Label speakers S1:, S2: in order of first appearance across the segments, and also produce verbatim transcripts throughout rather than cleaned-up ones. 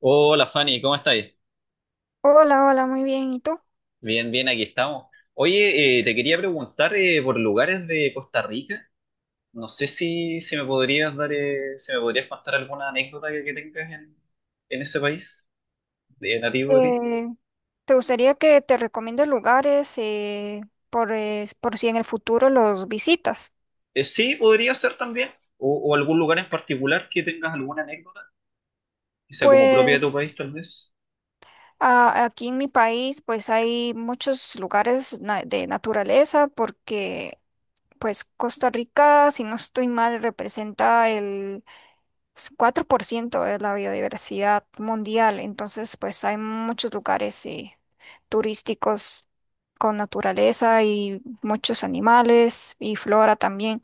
S1: Hola Fanny, ¿cómo estáis?
S2: Hola, hola, muy bien. ¿Y tú?
S1: Bien, bien, aquí estamos. Oye, eh, te quería preguntar eh, por lugares de Costa Rica. No sé si, si me podrías dar, eh, si me podrías contar alguna anécdota que, que tengas en, en ese país, de nativo de ti.
S2: Eh, ¿Te gustaría que te recomiende lugares eh, por, es- por si en el futuro los visitas?
S1: Eh, sí, podría ser también. O, o algún lugar en particular que tengas alguna anécdota, que sea como propia de tu
S2: Pues
S1: país, tal vez.
S2: a- aquí en mi país pues hay muchos lugares na- de naturaleza porque pues Costa Rica, si no estoy mal, representa pues, cuatro por ciento es la biodiversidad mundial, entonces pues hay muchos lugares eh, turísticos con naturaleza y muchos animales y flora también.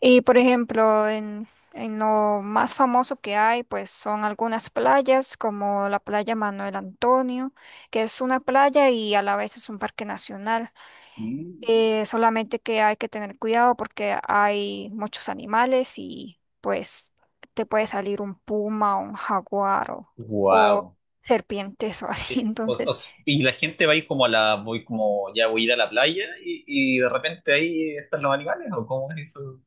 S2: Y por ejemplo, en, en lo más famoso que hay, pues son algunas playas como la playa Manuel Antonio, que es una playa y a la vez es un parque nacional.
S1: Mm.
S2: Eh, solamente que hay que tener cuidado porque hay muchos animales y pues te puede salir un puma o un jaguar o, o
S1: Wow.
S2: serpientes o así.
S1: Eh, o- o
S2: Entonces,
S1: s- y la gente va ahí como a la, voy como, ya voy a ir a la playa y, y de repente ahí están los animales, ¿o cómo es eso?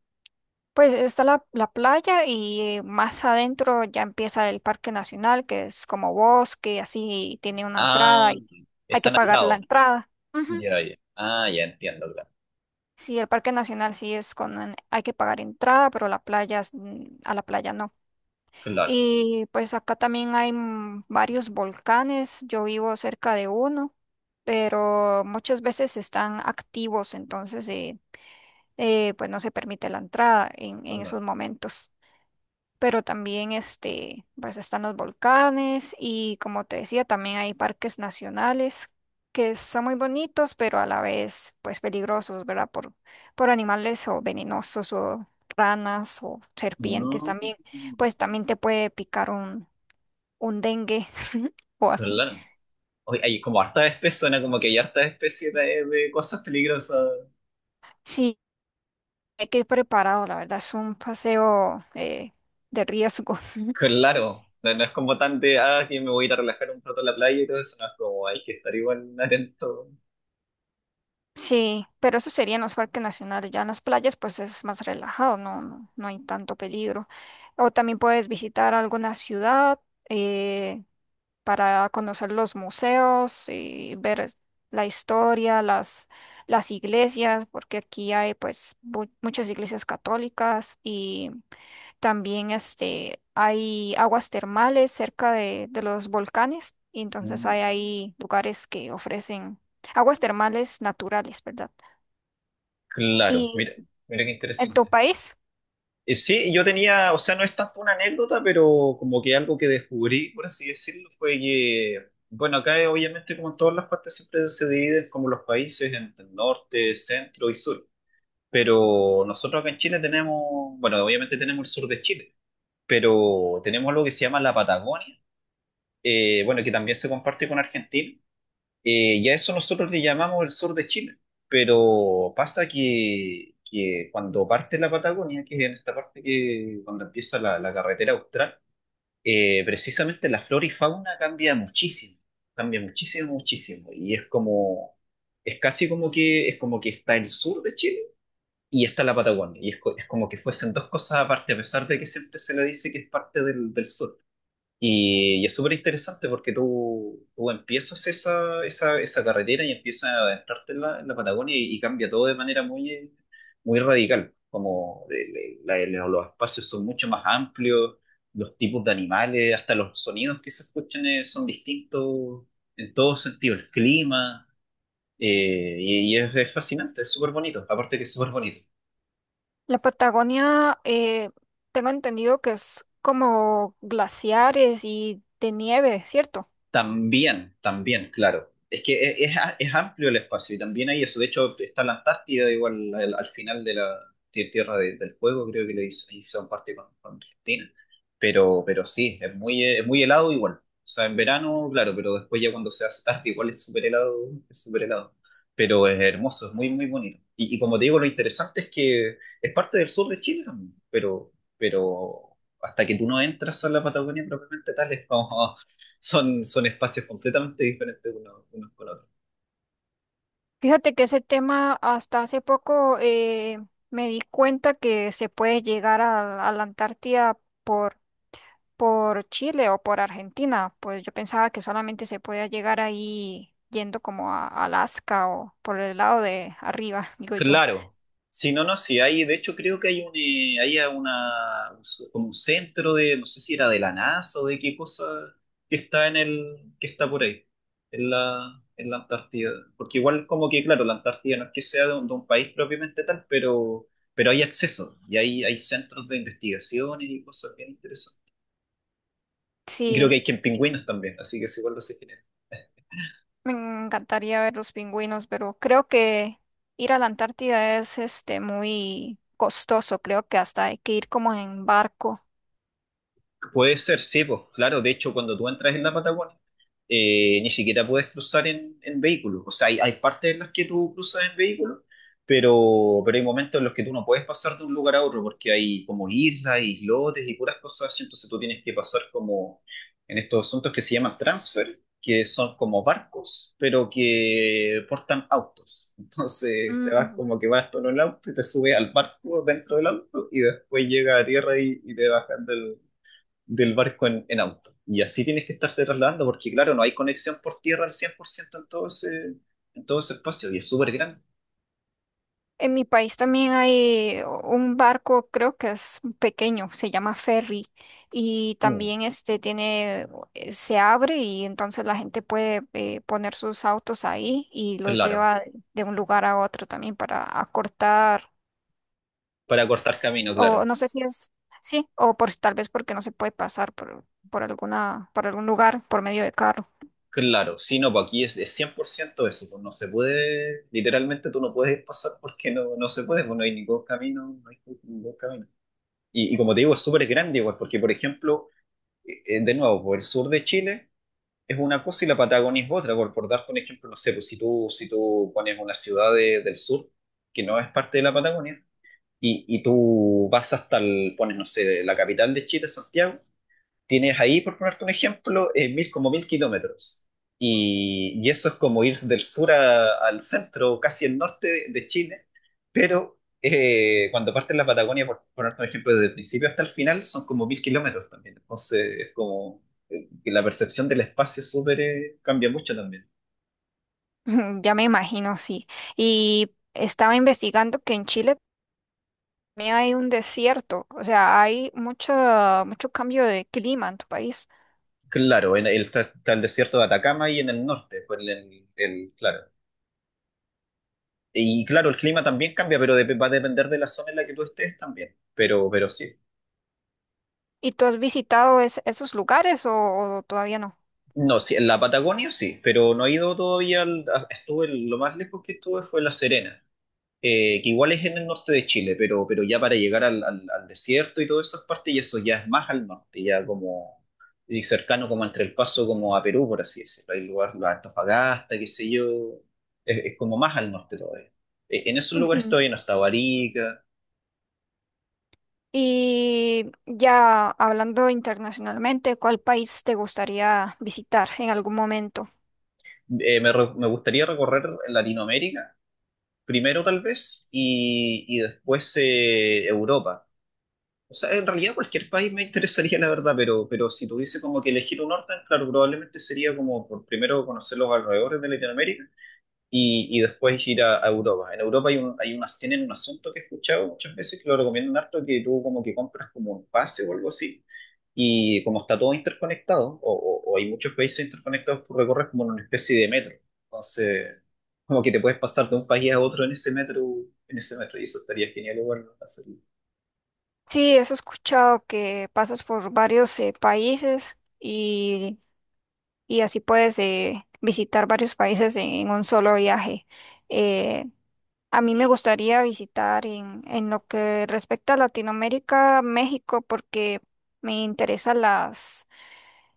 S2: pues está la, la playa y más adentro ya empieza el Parque Nacional, que es como bosque, así tiene una
S1: Ah,
S2: entrada y hay que
S1: están al
S2: pagar la
S1: lado.
S2: entrada. Ujú.
S1: Ya, ya. Ah, ya entiendo, claro.
S2: Sí, el Parque Nacional sí es con, hay que pagar entrada, pero la playa, es- mm, a la playa no.
S1: Claro,
S2: Y pues acá también hay mm, varios volcanes, yo vivo cerca de uno, pero muchas veces están activos, entonces eh, eh, pues no se permite la entrada en, en
S1: claro.
S2: esos momentos. Pero también este, pues están los volcanes y como te decía, también hay parques nacionales que son muy bonitos, pero a la vez pues peligrosos, ¿verdad? Por, por animales o venenosos o ranas o serpientes
S1: Mm,
S2: también pues también te puede picar un, un dengue o así.
S1: claro. Oye, hay como hartas especies, suena como que hay hartas especies de, de cosas peligrosas.
S2: Sí, hay que ir preparado, la verdad, es un paseo eh, de riesgo.
S1: Claro. No, no es como tan de, ah, que me voy a ir a relajar un rato a la playa y todo eso. No es como, hay que estar igual atento.
S2: Sí, pero eso sería en los parques nacionales, ya en las playas pues es más relajado, no, no, no hay tanto peligro. O también puedes visitar alguna ciudad eh, para conocer los museos y ver la historia, las, las iglesias, porque aquí hay pues mu- muchas iglesias católicas y también este, hay aguas termales cerca de, de los volcanes, y entonces
S1: Mm,
S2: hay ahí lugares que ofrecen aguas termales naturales, ¿verdad?
S1: claro,
S2: Y
S1: mira, mira qué
S2: en tu
S1: interesante.
S2: país,
S1: Eh, Sí, yo tenía, o sea, no es tanto una anécdota, pero como que algo que descubrí, por así decirlo, fue que, bueno, acá eh, obviamente como en todas las partes siempre se dividen como los países en norte, centro y sur, pero nosotros acá en Chile tenemos, bueno, obviamente tenemos el sur de Chile, pero tenemos lo que se llama la Patagonia, eh, bueno, que también se comparte con Argentina, eh, y a eso nosotros le llamamos el sur de Chile. Pero pasa que, que cuando parte la Patagonia, que es en esta parte que cuando empieza la, la, carretera austral, eh, precisamente la flora y fauna cambia muchísimo, cambia muchísimo, muchísimo. Y es como, es casi como que, es como que está el sur de Chile y está la Patagonia. Y es, co- es como que fuesen dos cosas aparte, a pesar de que siempre se le dice que es parte del, del sur. Y, y es súper interesante porque tú, tú empiezas esa, esa, esa carretera y empiezas a adentrarte en la, en la Patagonia y, y cambia todo de manera muy, muy radical. Como el- el- la- los espacios son mucho más amplios, los tipos de animales, hasta los sonidos que se escuchan eh, son distintos en todos sentidos, el clima, eh, y, y es, es fascinante, es súper bonito, aparte que es súper bonito.
S2: la Patagonia, eh, tengo entendido que es como glaciares y de nieve, ¿cierto?
S1: También, también, claro. Es que es, es a- es amplio el espacio y también hay eso. De hecho, está la Antártida igual al, al final de la tie- Tierra de- del Fuego, creo que le hizo, hizo parte con, con Argentina. Pero, pero sí, es muy, eh, es muy helado igual. O sea, en verano, claro, pero después ya cuando se hace tarde igual es súper helado, es súper helado. Pero es hermoso, es muy, muy bonito. Y, y como te digo, lo interesante es que es parte del sur de Chile también, pero, pero hasta que tú no entras a la Patagonia propiamente tal, es como son, son espacios completamente diferentes unos, unos con otros.
S2: Fíjate que ese tema hasta hace poco eh, me di cuenta que se puede llegar a, a la Antártida por Chile o por Argentina. Pues yo pensaba que solamente se podía llegar ahí yendo como a Alaska o por el lado de arriba, digo yo.
S1: Claro, si no, no, sí, hay, de hecho creo que hay un, eh, hay una, un s- como un centro de, no sé si era de la NASA o de qué cosa, que está en el, que está por ahí, en la, en la, Antártida. Porque igual como que, claro, la Antártida no es que sea de un, de un país propiamente tal, pero, pero hay acceso y hay, hay centros de investigación y cosas bien interesantes. Y creo
S2: Sí,
S1: que hay que en pingüinos también, así que es igual lo sé.
S2: me encantaría ver los pingüinos, pero creo que ir a la Antártida es este muy costoso. Creo que hasta hay que ir como en barco.
S1: Puede ser, sí, pues claro, de hecho cuando tú entras en la Patagonia, eh, ni siquiera puedes cruzar en, en vehículo. O sea, hay, hay partes en las que tú cruzas en vehículo, pero, pero hay momentos en los que tú no puedes pasar de un lugar a otro porque hay como islas, islotes y puras cosas así. Entonces tú tienes que pasar como en estos asuntos que se llaman transfer, que son como barcos, pero que portan autos. Entonces te vas
S2: Mm.
S1: como que vas todo en el auto y te subes al barco dentro del auto y después llega a tierra y, y te bajas del barco en, en auto. Y así tienes que estarte trasladando, porque claro, no hay conexión por tierra al cien por ciento en todo ese, en todo ese espacio, y es súper grande.
S2: En mi país también hay un barco, creo que es pequeño, se llama ferry y
S1: Mm,
S2: también este tiene, eh, se abre y entonces la gente puede eh, poner sus autos ahí y los
S1: claro,
S2: lleva de un lugar a otro también para acortar
S1: para cortar camino,
S2: o
S1: claro.
S2: no sé si es, sí, o por si tal vez porque no se puede pasar por, por alguna, por algún lugar por medio de carro.
S1: Claro, sí, no, pues aquí es de cien por ciento eso, pues no se puede, literalmente tú no puedes pasar porque no, no se puede, pues no hay ningún camino, no hay ningún camino. Y, y como te digo, es súper grande igual, porque por ejemplo, eh, eh, de nuevo, por el sur de Chile, es una cosa y la Patagonia es otra. Por, por darte un ejemplo, no sé, pues si tú, si tú pones una ciudad de- del sur que no es parte de la Patagonia y, y tú vas hasta el, pones, no sé, la capital de Chile, Santiago, tienes ahí, por ponerte un ejemplo, eh, mil, como mil kilómetros. Y, y eso es como ir del sur a- al centro, casi el norte de, de Chile, pero eh, cuando partes la Patagonia, por ponerte un ejemplo, desde el principio hasta el final, son como mil kilómetros también. Entonces es como eh, que la percepción del espacio es súper eh, cambia mucho también.
S2: Ya me imagino, sí. Y estaba investigando que en Chile mí hay un desierto, o sea, hay mucho, mucho cambio de clima en tu país.
S1: Claro, en el, está, está el desierto de Atacama y en el norte, pues, en el, el- claro. Y claro, el clima también cambia, pero dep- va a depender de la zona en la que tú estés también. Pero, pero sí.
S2: ¿Y tú has visitado es- esos lugares o, o todavía no?
S1: No, sí, en la Patagonia sí, pero no he ido todavía. al- a- estuve, lo más lejos que estuve fue La Serena, eh, que igual es en el norte de Chile, pero, pero ya para llegar al, al- al desierto y todas esas partes, y eso ya es más al norte, ya como y cercano como entre El Paso como a Perú, por así decirlo. Hay lugar, la Antofagasta, qué sé yo, es, es como más al norte todavía. Eh, En esos lugares
S2: Ujú.
S1: todavía no está Barica.
S2: Y ya hablando internacionalmente, ¿cuál país te gustaría visitar en algún momento?
S1: Eh, me, re- me gustaría recorrer Latinoamérica primero tal vez y, y después eh, Europa. O sea, en realidad cualquier país me interesaría, la verdad, pero, pero si tuviese como que elegir un orden, claro, probablemente sería como por primero conocer los alrededores de Latinoamérica y, y después ir a, a Europa. En Europa hay un, hay unas, tienen un asunto que he escuchado muchas veces que lo recomiendan harto, que tú como que compras como un pase o algo así, y como está todo interconectado, o, o- o hay muchos países interconectados, tú recorres como en una especie de metro. Entonces, como que te puedes pasar de un país a otro en ese metro, en ese metro, y eso estaría genial igual ¿no? hacerlo.
S2: Sí, eso he escuchado que pasas por varios eh, países y, y así puedes eh, visitar varios países en, un solo viaje. Eh, A mí me gustaría visitar en, en lo que respecta a Latinoamérica, México, porque me interesan las,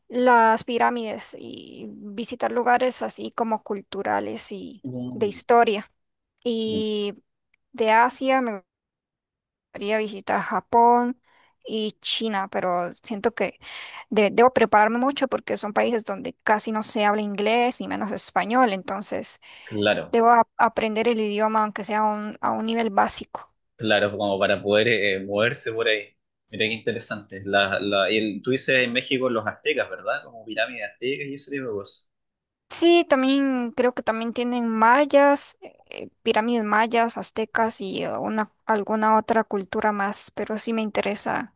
S2: las pirámides y visitar lugares así como culturales y de
S1: Mm.
S2: historia. Y de Asia me gustaría visitar Japón y China, pero siento que de- debo prepararme mucho porque son países donde casi no se habla inglés ni menos español, entonces
S1: Claro,
S2: debo a- aprender el idioma aunque sea a un a un nivel básico.
S1: claro, como para poder eh, moverse por ahí. Mira qué interesante. La, la, y el- tú dices en México los aztecas, ¿verdad? Como pirámides aztecas y ese tipo de cosas.
S2: Sí, también creo que también tienen mayas, eh, pirámides mayas, aztecas y eh, una, alguna otra cultura más, pero sí me interesa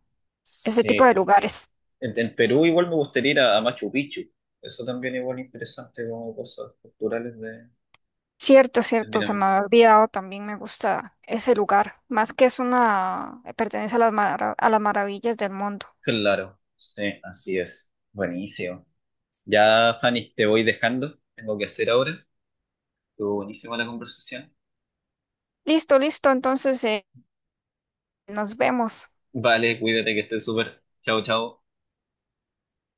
S2: ese tipo
S1: Sí.
S2: de lugares.
S1: En, en Perú igual me gustaría ir a, a Machu Picchu. Eso también igual interesante como cosas culturales de,
S2: Cierto,
S1: de
S2: cierto, se
S1: pirámides.
S2: me ha olvidado, también me gusta ese lugar, más que es una, pertenece a las, mara- a las maravillas del mundo.
S1: Claro, sí, así es. Buenísimo. Ya, Fanny, te voy dejando. Tengo que hacer ahora. Estuvo buenísima la conversación.
S2: Listo, listo, entonces eh, nos vemos.
S1: Vale, cuídate que estés súper. Chao, chao.